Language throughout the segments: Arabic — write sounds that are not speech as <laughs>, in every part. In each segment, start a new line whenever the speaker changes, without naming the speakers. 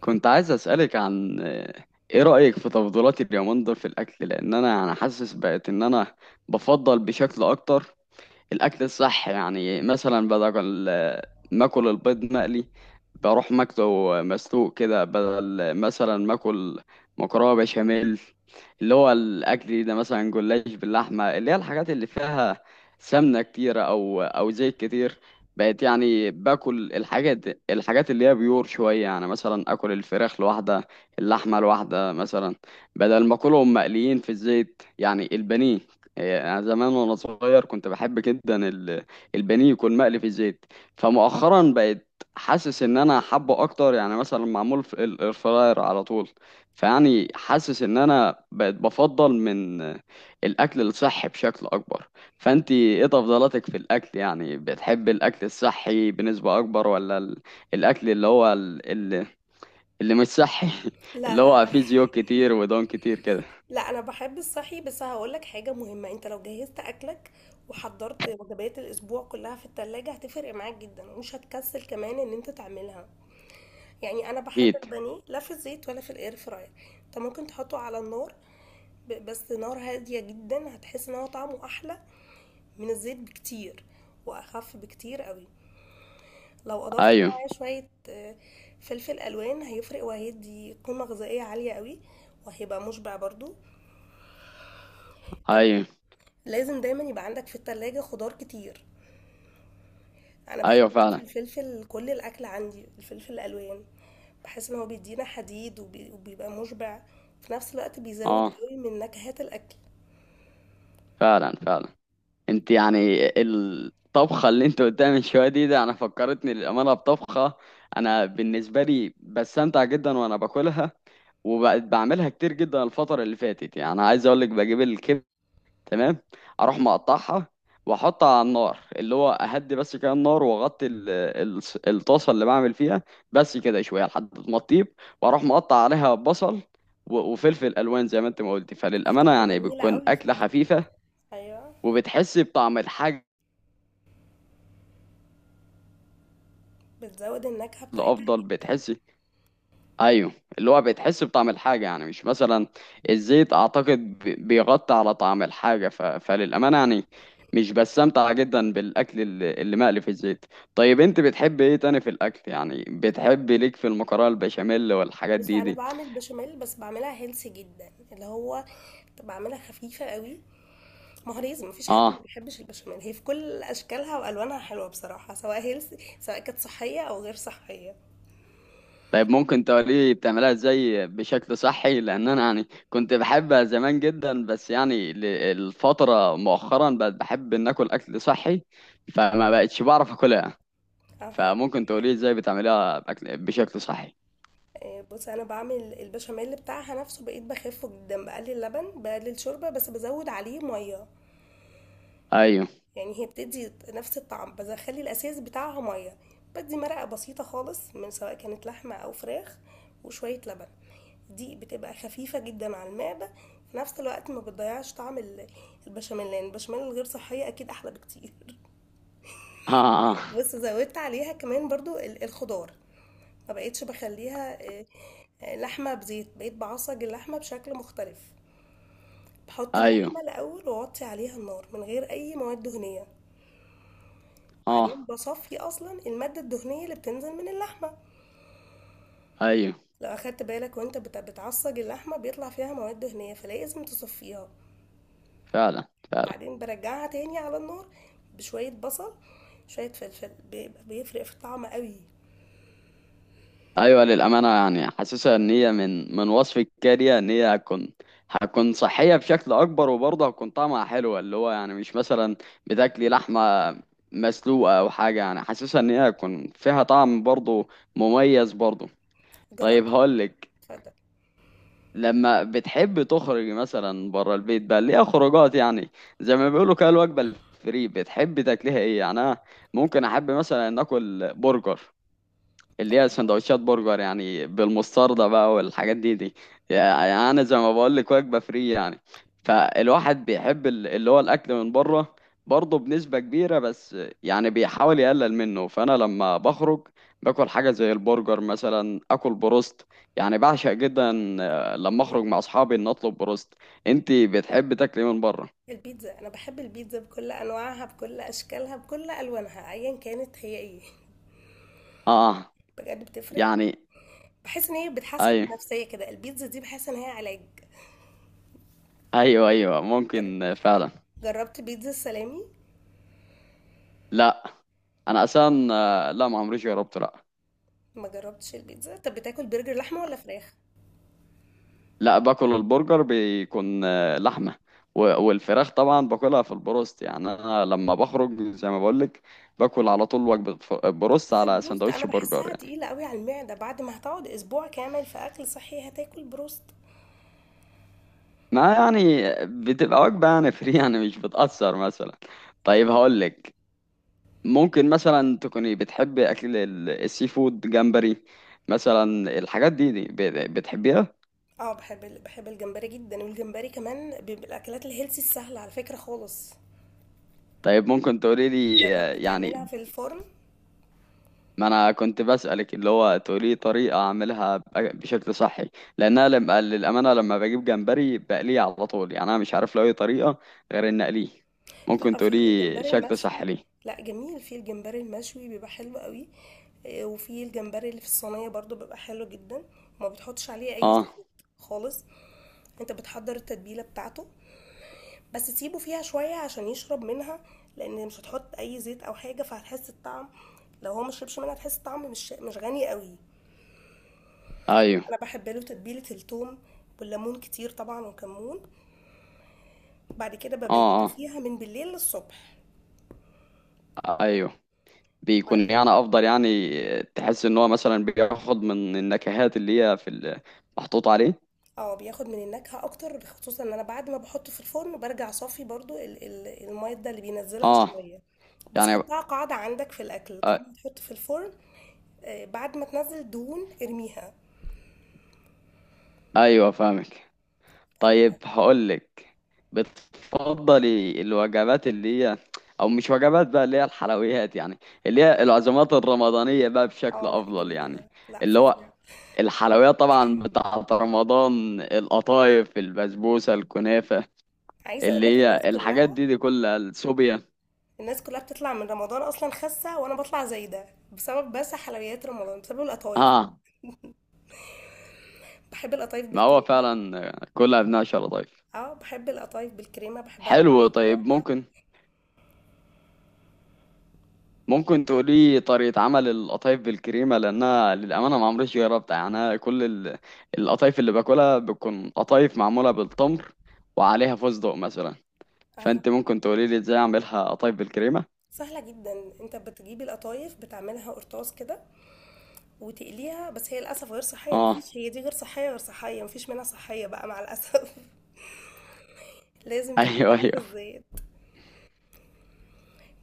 كنت عايز أسألك عن إيه رأيك في تفضيلاتي اليومين دول في الأكل؟ لأن أنا يعني حاسس بقت إن أنا بفضل بشكل أكتر الاكل الصح. يعني مثلا بدل ما اكل البيض مقلي بروح ماكله مسلوق كده، بدل مثلا ما اكل مكرونه بشاميل اللي هو الاكل ده، مثلا جلاش باللحمه، اللي هي الحاجات اللي فيها سمنه كتيره او زيت كتير. بقت يعني باكل الحاجات اللي هي بيور شويه، يعني مثلا اكل الفراخ لوحدها، اللحمه لوحدها مثلا، بدل ما اكلهم مقليين في الزيت يعني البانيه. هي أنا زمان وأنا صغير كنت بحب جدا البانيه يكون مقلي في الزيت، فمؤخرا بقيت حاسس إن أنا حابه أكتر يعني مثلا معمول في الإير فراير على طول. فيعني حاسس إن أنا بقيت بفضل من الأكل الصحي بشكل أكبر. فأنتي إيه تفضيلاتك في الأكل؟ يعني بتحب الأكل الصحي بنسبة أكبر، ولا الأكل اللي هو اللي مش صحي؟ <laughs>
لا،
اللي
لا،
هو
انا
فيه
<laughs>
زيوت كتير ودهون كتير كده.
لا، انا بحب الصحي، بس هقول لك حاجه مهمه. انت لو جهزت اكلك وحضرت وجبات الاسبوع كلها في التلاجة هتفرق معاك جدا، ومش هتكسل كمان ان انت تعملها. يعني انا بحب
أكيد.
البانيه لا في الزيت ولا في الاير فراير. انت ممكن تحطه على النار، بس نار هاديه جدا، هتحس ان هو طعمه احلى من الزيت بكتير، واخف بكتير قوي. لو اضفت
أيوه.
معاه شويه فلفل الوان، هيفرق وهيدي قيمه غذائيه عاليه قوي، وهيبقى مشبع برضو.
أيوه.
لازم دايما يبقى عندك في التلاجة خضار كتير. انا
أيوه
بحب
فعلا.
في الفلفل، كل الاكل عندي الفلفل الالوان. بحس ان هو بيدينا حديد، وبيبقى مشبع في نفس الوقت، بيزود
اه
قوي من نكهات الاكل.
فعلا فعلا. انت يعني الطبخه اللي انت قدامي من شويه دي، ده انا فكرتني للامانه بطبخه انا بالنسبه لي بستمتع جدا وانا باكلها، وبقت بعملها كتير جدا الفتره اللي فاتت. يعني انا عايز اقول لك، بجيب الكبده، تمام، اروح مقطعها واحطها على النار اللي هو اهدي بس كده النار، واغطي الطاسه اللي بعمل فيها بس كده شويه لحد ما تطيب، واروح مقطع عليها بصل وفلفل الوان زي ما انت ما قلتي. فللامانه
هتبقى
يعني
جميلة
بتكون
قوي
اكله
فعلا.
خفيفه
ايوه،
وبتحس بطعم الحاجة
بتزود النكهة بتاعتها
الأفضل.
جدا.
بتحس، أيوه، اللي هو بتحس بطعم الحاجة يعني. مش مثلا الزيت، أعتقد بيغطي على طعم الحاجة. فللأمانة يعني مش بستمتع جدا بالأكل اللي مقلي في الزيت. طيب أنت بتحب إيه تاني في الأكل؟ يعني بتحب ليك في المكرونة البشاميل والحاجات
بصي،
دي
انا
دي
بعمل بشاميل، بس بعملها هيلسي جدا، اللي هو بعملها خفيفه قوي. ما هو لازم، مفيش حد ما
آه.
بيحبش البشاميل، هي في كل اشكالها والوانها حلوه بصراحه، سواء هيلسي، سواء كانت صحيه او غير صحيه.
طيب ممكن تقولي بتعملها ازاي بشكل صحي؟ لان انا يعني كنت بحبها زمان جدا، بس يعني الفترة مؤخرا بقت بحب ان اكل اكل صحي، فما بقتش بعرف اكلها.
اها.
فممكن تقولي ازاي بتعمليها بأكل بشكل صحي؟
بصي، انا بعمل البشاميل بتاعها نفسه، بقيت بخفه جدا، بقلل لبن، بقلل شوربه، بس بزود عليه ميه.
ايوه.
يعني هي بتدي نفس الطعم، بس اخلي الاساس بتاعها ميه. بدي مرقه بسيطه خالص، من سواء كانت لحمه او فراخ، وشويه لبن. دي بتبقى خفيفه جدا على المعده، في نفس الوقت ما بتضيعش طعم البشاميل، لان البشاميل الغير صحيه اكيد احلى بكتير. <laughs>
اه, آه. آه.
بص، زودت عليها كمان برضو الخضار. ما بقيتش بخليها. لحمة بزيت، بقيت بعصج اللحمة بشكل مختلف. بحط
ايوه.
اللحمة الأول، وأوطي عليها النار من غير أي مواد دهنية. بعدين
اه
بصفي أصلا المادة الدهنية اللي بتنزل من اللحمة.
ايوه
لو أخدت بالك وأنت بتعصج اللحمة، بيطلع فيها مواد دهنية، فلازم تصفيها.
فعلا فعلا.
بعدين برجعها تاني على النار بشوية بصل، شوية فلفل، بيبقى بيفرق في الطعم قوي.
ايوه للامانه يعني حاسسها ان هي من وصف الكارية ان هي هتكون هتكون صحيه بشكل اكبر، وبرضه هتكون طعمها حلو اللي هو يعني. مش مثلا بتاكلي لحمه مسلوقه او حاجه، يعني حاسسها ان هي هتكون فيها طعم برضه مميز برضه.
جربت؟
طيب هقولك، لما بتحب تخرج مثلا بره البيت، بقى ليها خروجات يعني زي ما بيقولوا كده الوجبه الفري، بتحب تاكليها ايه؟ يعني انا ممكن احب مثلا ان اكل برجر، اللي هي
اتفضل.
سندوتشات برجر يعني بالمستردة بقى والحاجات دي. يعني انا زي ما بقول لك، وجبة فري يعني. فالواحد بيحب اللي هو الاكل من بره برضه بنسبة كبيرة، بس يعني بيحاول يقلل منه. فانا لما بخرج باكل حاجة زي البرجر، مثلا اكل بروست يعني بعشق جدا. لما اخرج مع اصحابي ان اطلب بروست. انت بتحب تاكلي من بره؟
البيتزا، انا بحب البيتزا بكل انواعها، بكل اشكالها، بكل الوانها، ايا كانت هي ايه.
اه
بجد بتفرق.
يعني
بحس ان هي بتحسن
ايوه.
النفسيه كده، البيتزا دي بحس ان هي علاج.
ايوه ايوه
جر-
ممكن فعلا.
جربت بيتزا السلامي؟
لا انا اصلا لا ما عمريش جربته، لا.
ما جربتش البيتزا؟ طب بتاكل برجر لحمه ولا فراخ؟
لا باكل البرجر بيكون لحمة، والفراخ طبعا باكلها في البروست. يعني انا لما بخرج زي ما بقولك، باكل على طول وجبة بروست
بس
على
البروست انا
سندوتش برجر
بحسها
يعني.
تقيله قوي على المعده، بعد ما هتقعد اسبوع كامل في اكل صحي هتاكل بروست؟
ما يعني بتبقى وجبة يعني فري <laughs> يعني مش بتأثر مثلا. طيب
فاهمة؟
هقولك، ممكن مثلا تكوني بتحبي اكل السي فود، جمبري مثلا، الحاجات دي, دي بتحبيها؟
اه، بحب الجمبري جدا، والجمبري كمان بيبقى الاكلات الهيلسي السهله على فكره خالص.
طيب ممكن تقولي لي
جربت
يعني،
تعملها في الفرن؟
ما انا كنت بسألك اللي هو تقولي طريقة اعملها بشكل صحي. لان انا لما للامانة لما بجيب جمبري بقليه على طول، يعني انا مش عارف له اي طريقة غير ان اقليه. ممكن
لأ،
تقولي
في الجمبري
شكل
المشوي.
صحي ليه؟
لأ، جميل، في الجمبري المشوي بيبقى حلو قوي. وفي الجمبري اللي في الصينية برضو بيبقى حلو جدا، وما بتحطش عليه اي
اه
زيوت خالص. انت بتحضر التتبيلة بتاعته، بس تسيبه فيها شوية عشان يشرب منها، لان مش هتحط اي زيت او حاجة، فهتحس الطعم. لو هو مشربش منها هتحس الطعم مش غني قوي.
ايوه.
انا بحب له تتبيلة الثوم والليمون كتير طبعا، وكمون. بعد كده ببيته
اه
فيها من بالليل للصبح.
اه ايوه، بيكون
بعدين.
يعني افضل يعني. تحس ان هو مثلا بياخد من النكهات اللي هي في محطوط عليه.
اه، بياخد من النكهة اكتر، خصوصا ان انا بعد ما بحطه في الفرن برجع صافي برضو المايدة اللي بينزلها
اه
شوية. بس
يعني
حطها قاعدة عندك في الاكل،
آه،
طالما بتحط في الفرن. بعد ما تنزل دهون ارميها.
ايوه فاهمك. طيب
فبقى-
هقولك، بتفضلي الوجبات اللي هي، او مش وجبات بقى، اللي هي الحلويات يعني، اللي هي العزومات الرمضانية بقى بشكل
اه، لا،
افضل يعني؟
جميلة، لا،
اللي هو
فظيعة.
الحلويات طبعا بتاعة رمضان، القطايف، البسبوسة، الكنافة،
عايزة
اللي
اقولك
هي الحاجات دي كلها، السوبيا.
الناس كلها بتطلع من رمضان اصلا خاسة، وانا بطلع زايدة بسبب، بس حلويات رمضان، بسبب القطايف.
اه
بحب القطايف
ما هو
بالكريمة.
فعلا كلها بنعشة لطيف.
اه، بحب القطايف بالكريمة، بحبها
حلو. طيب
بالشوكولاتة.
ممكن ممكن تقولي طريقة عمل القطايف بالكريمة؟ لأنها للأمانة ما عمريش جربتها. يعني أنا كل القطايف اللي باكلها بتكون قطايف معمولة بالتمر وعليها فستق مثلا.
اه،
فأنت ممكن تقولي لي إزاي أعملها قطايف بالكريمة؟
سهلة جدا، انت بتجيب القطايف، بتعملها قرطاس كده، وتقليها. بس هي للأسف غير صحية،
آه.
مفيش، هي دي غير صحية، غير صحية، مفيش منها صحية بقى مع الأسف. <laughs>
<laughs>
لازم
أيوه
تدخلها في
أيوه.
الزيت.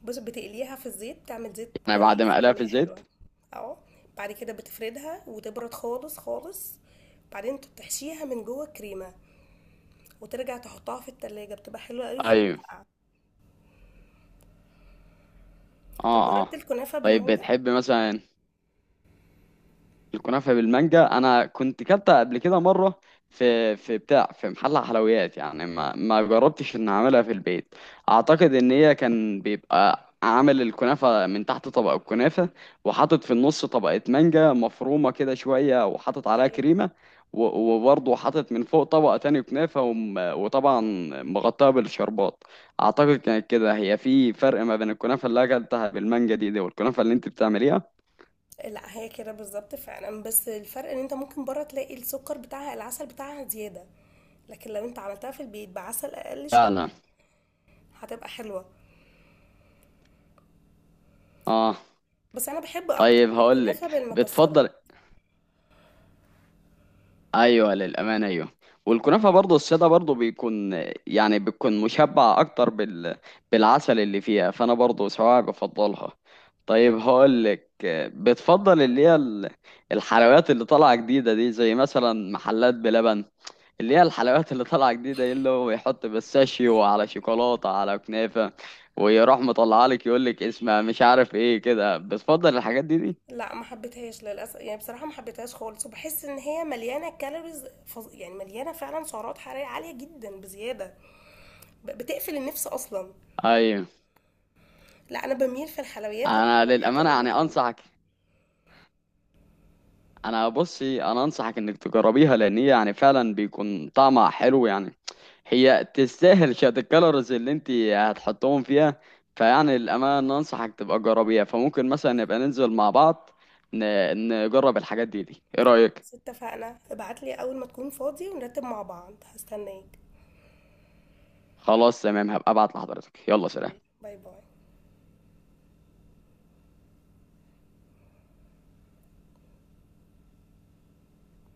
بص، بتقليها في الزيت، تعمل زيت
يعني بعد
كويس،
ما أقليها في
كمية
الزيت؟
حلوة. اهو. بعد كده بتفردها وتبرد خالص خالص. بعدين تحشيها من جوه الكريمة، وترجع تحطها في التلاجة، بتبقى حلوة قوي وهي
أيوه.
ساقعة. طب
آه
جربت
آه.
الكنافة
طيب
بالمانجا؟
بتحب مثلا الكنافة بالمانجا؟ أنا كنت كلتها قبل كده مرة في في بتاع في محل حلويات يعني، ما جربتش إن أعملها في البيت. أعتقد إن هي كان بيبقى عامل الكنافة من تحت طبق الكنافة، وحاطط في النص طبقة مانجا مفرومة كده شوية، وحاطط عليها
ايوه.
كريمة، وبرضه حاطط من فوق طبقة تاني كنافة، وطبعا مغطاها بالشربات. أعتقد كانت كده هي، في فرق ما بين الكنافة اللي أكلتها بالمانجا دي والكنافة اللي أنت بتعمليها.
لا، هي كده بالظبط فعلا، بس الفرق ان انت ممكن بره تلاقي السكر بتاعها، العسل بتاعها زيادة. لكن لو انت عملتها في البيت بعسل اقل
فعلا.
شوية هتبقى حلوة.
اه.
بس انا بحب اكتر
طيب هقول
الكنافة
لك بتفضل.
بالمكسرات.
ايوه للامانه ايوه. والكنافه برضه الساده برضه بيكون يعني بتكون مشبع اكتر بالعسل اللي فيها، فانا برضه سواء بفضلها. طيب هقول لك، بتفضل اللي هي الحلويات اللي طالعه جديده دي زي مثلا محلات بلبن، اللي هي الحلويات اللي طالعه جديده إيه اللي هو يحط بيستاشيو على شوكولاته على كنافه، ويروح مطلعها لك يقول لك اسمها مش عارف ايه كده؟ بتفضل الحاجات دي؟
لا، ما حبيتهاش للاسف، يعني بصراحة ما حبيتهاش خالص، وبحس ان هي مليانة كالوريز يعني مليانة فعلا سعرات حرارية عالية جدا بزيادة. بتقفل النفس اصلا.
ايوه.
لا، انا بميل في الحلويات
انا
للحلويات
للامانه يعني
الرمضانية.
انصحك، انا بصي انا انصحك انك تجربيها، لان هي يعني فعلا بيكون طعمها حلو يعني. هي تستاهل <laughs> شويه الكالوريز اللي انت هتحطهم فيها. فيعني للامانه انصحك تبقى جربيها. فممكن مثلا نبقى ننزل مع بعض نجرب الحاجات دي، ايه رايك؟
بس اتفقنا، ابعتلي اول ما تكون فاضي ونرتب مع بعض، هستناك.
خلاص تمام، هبقى ابعت لحضرتك، يلا سلام.
باي باي.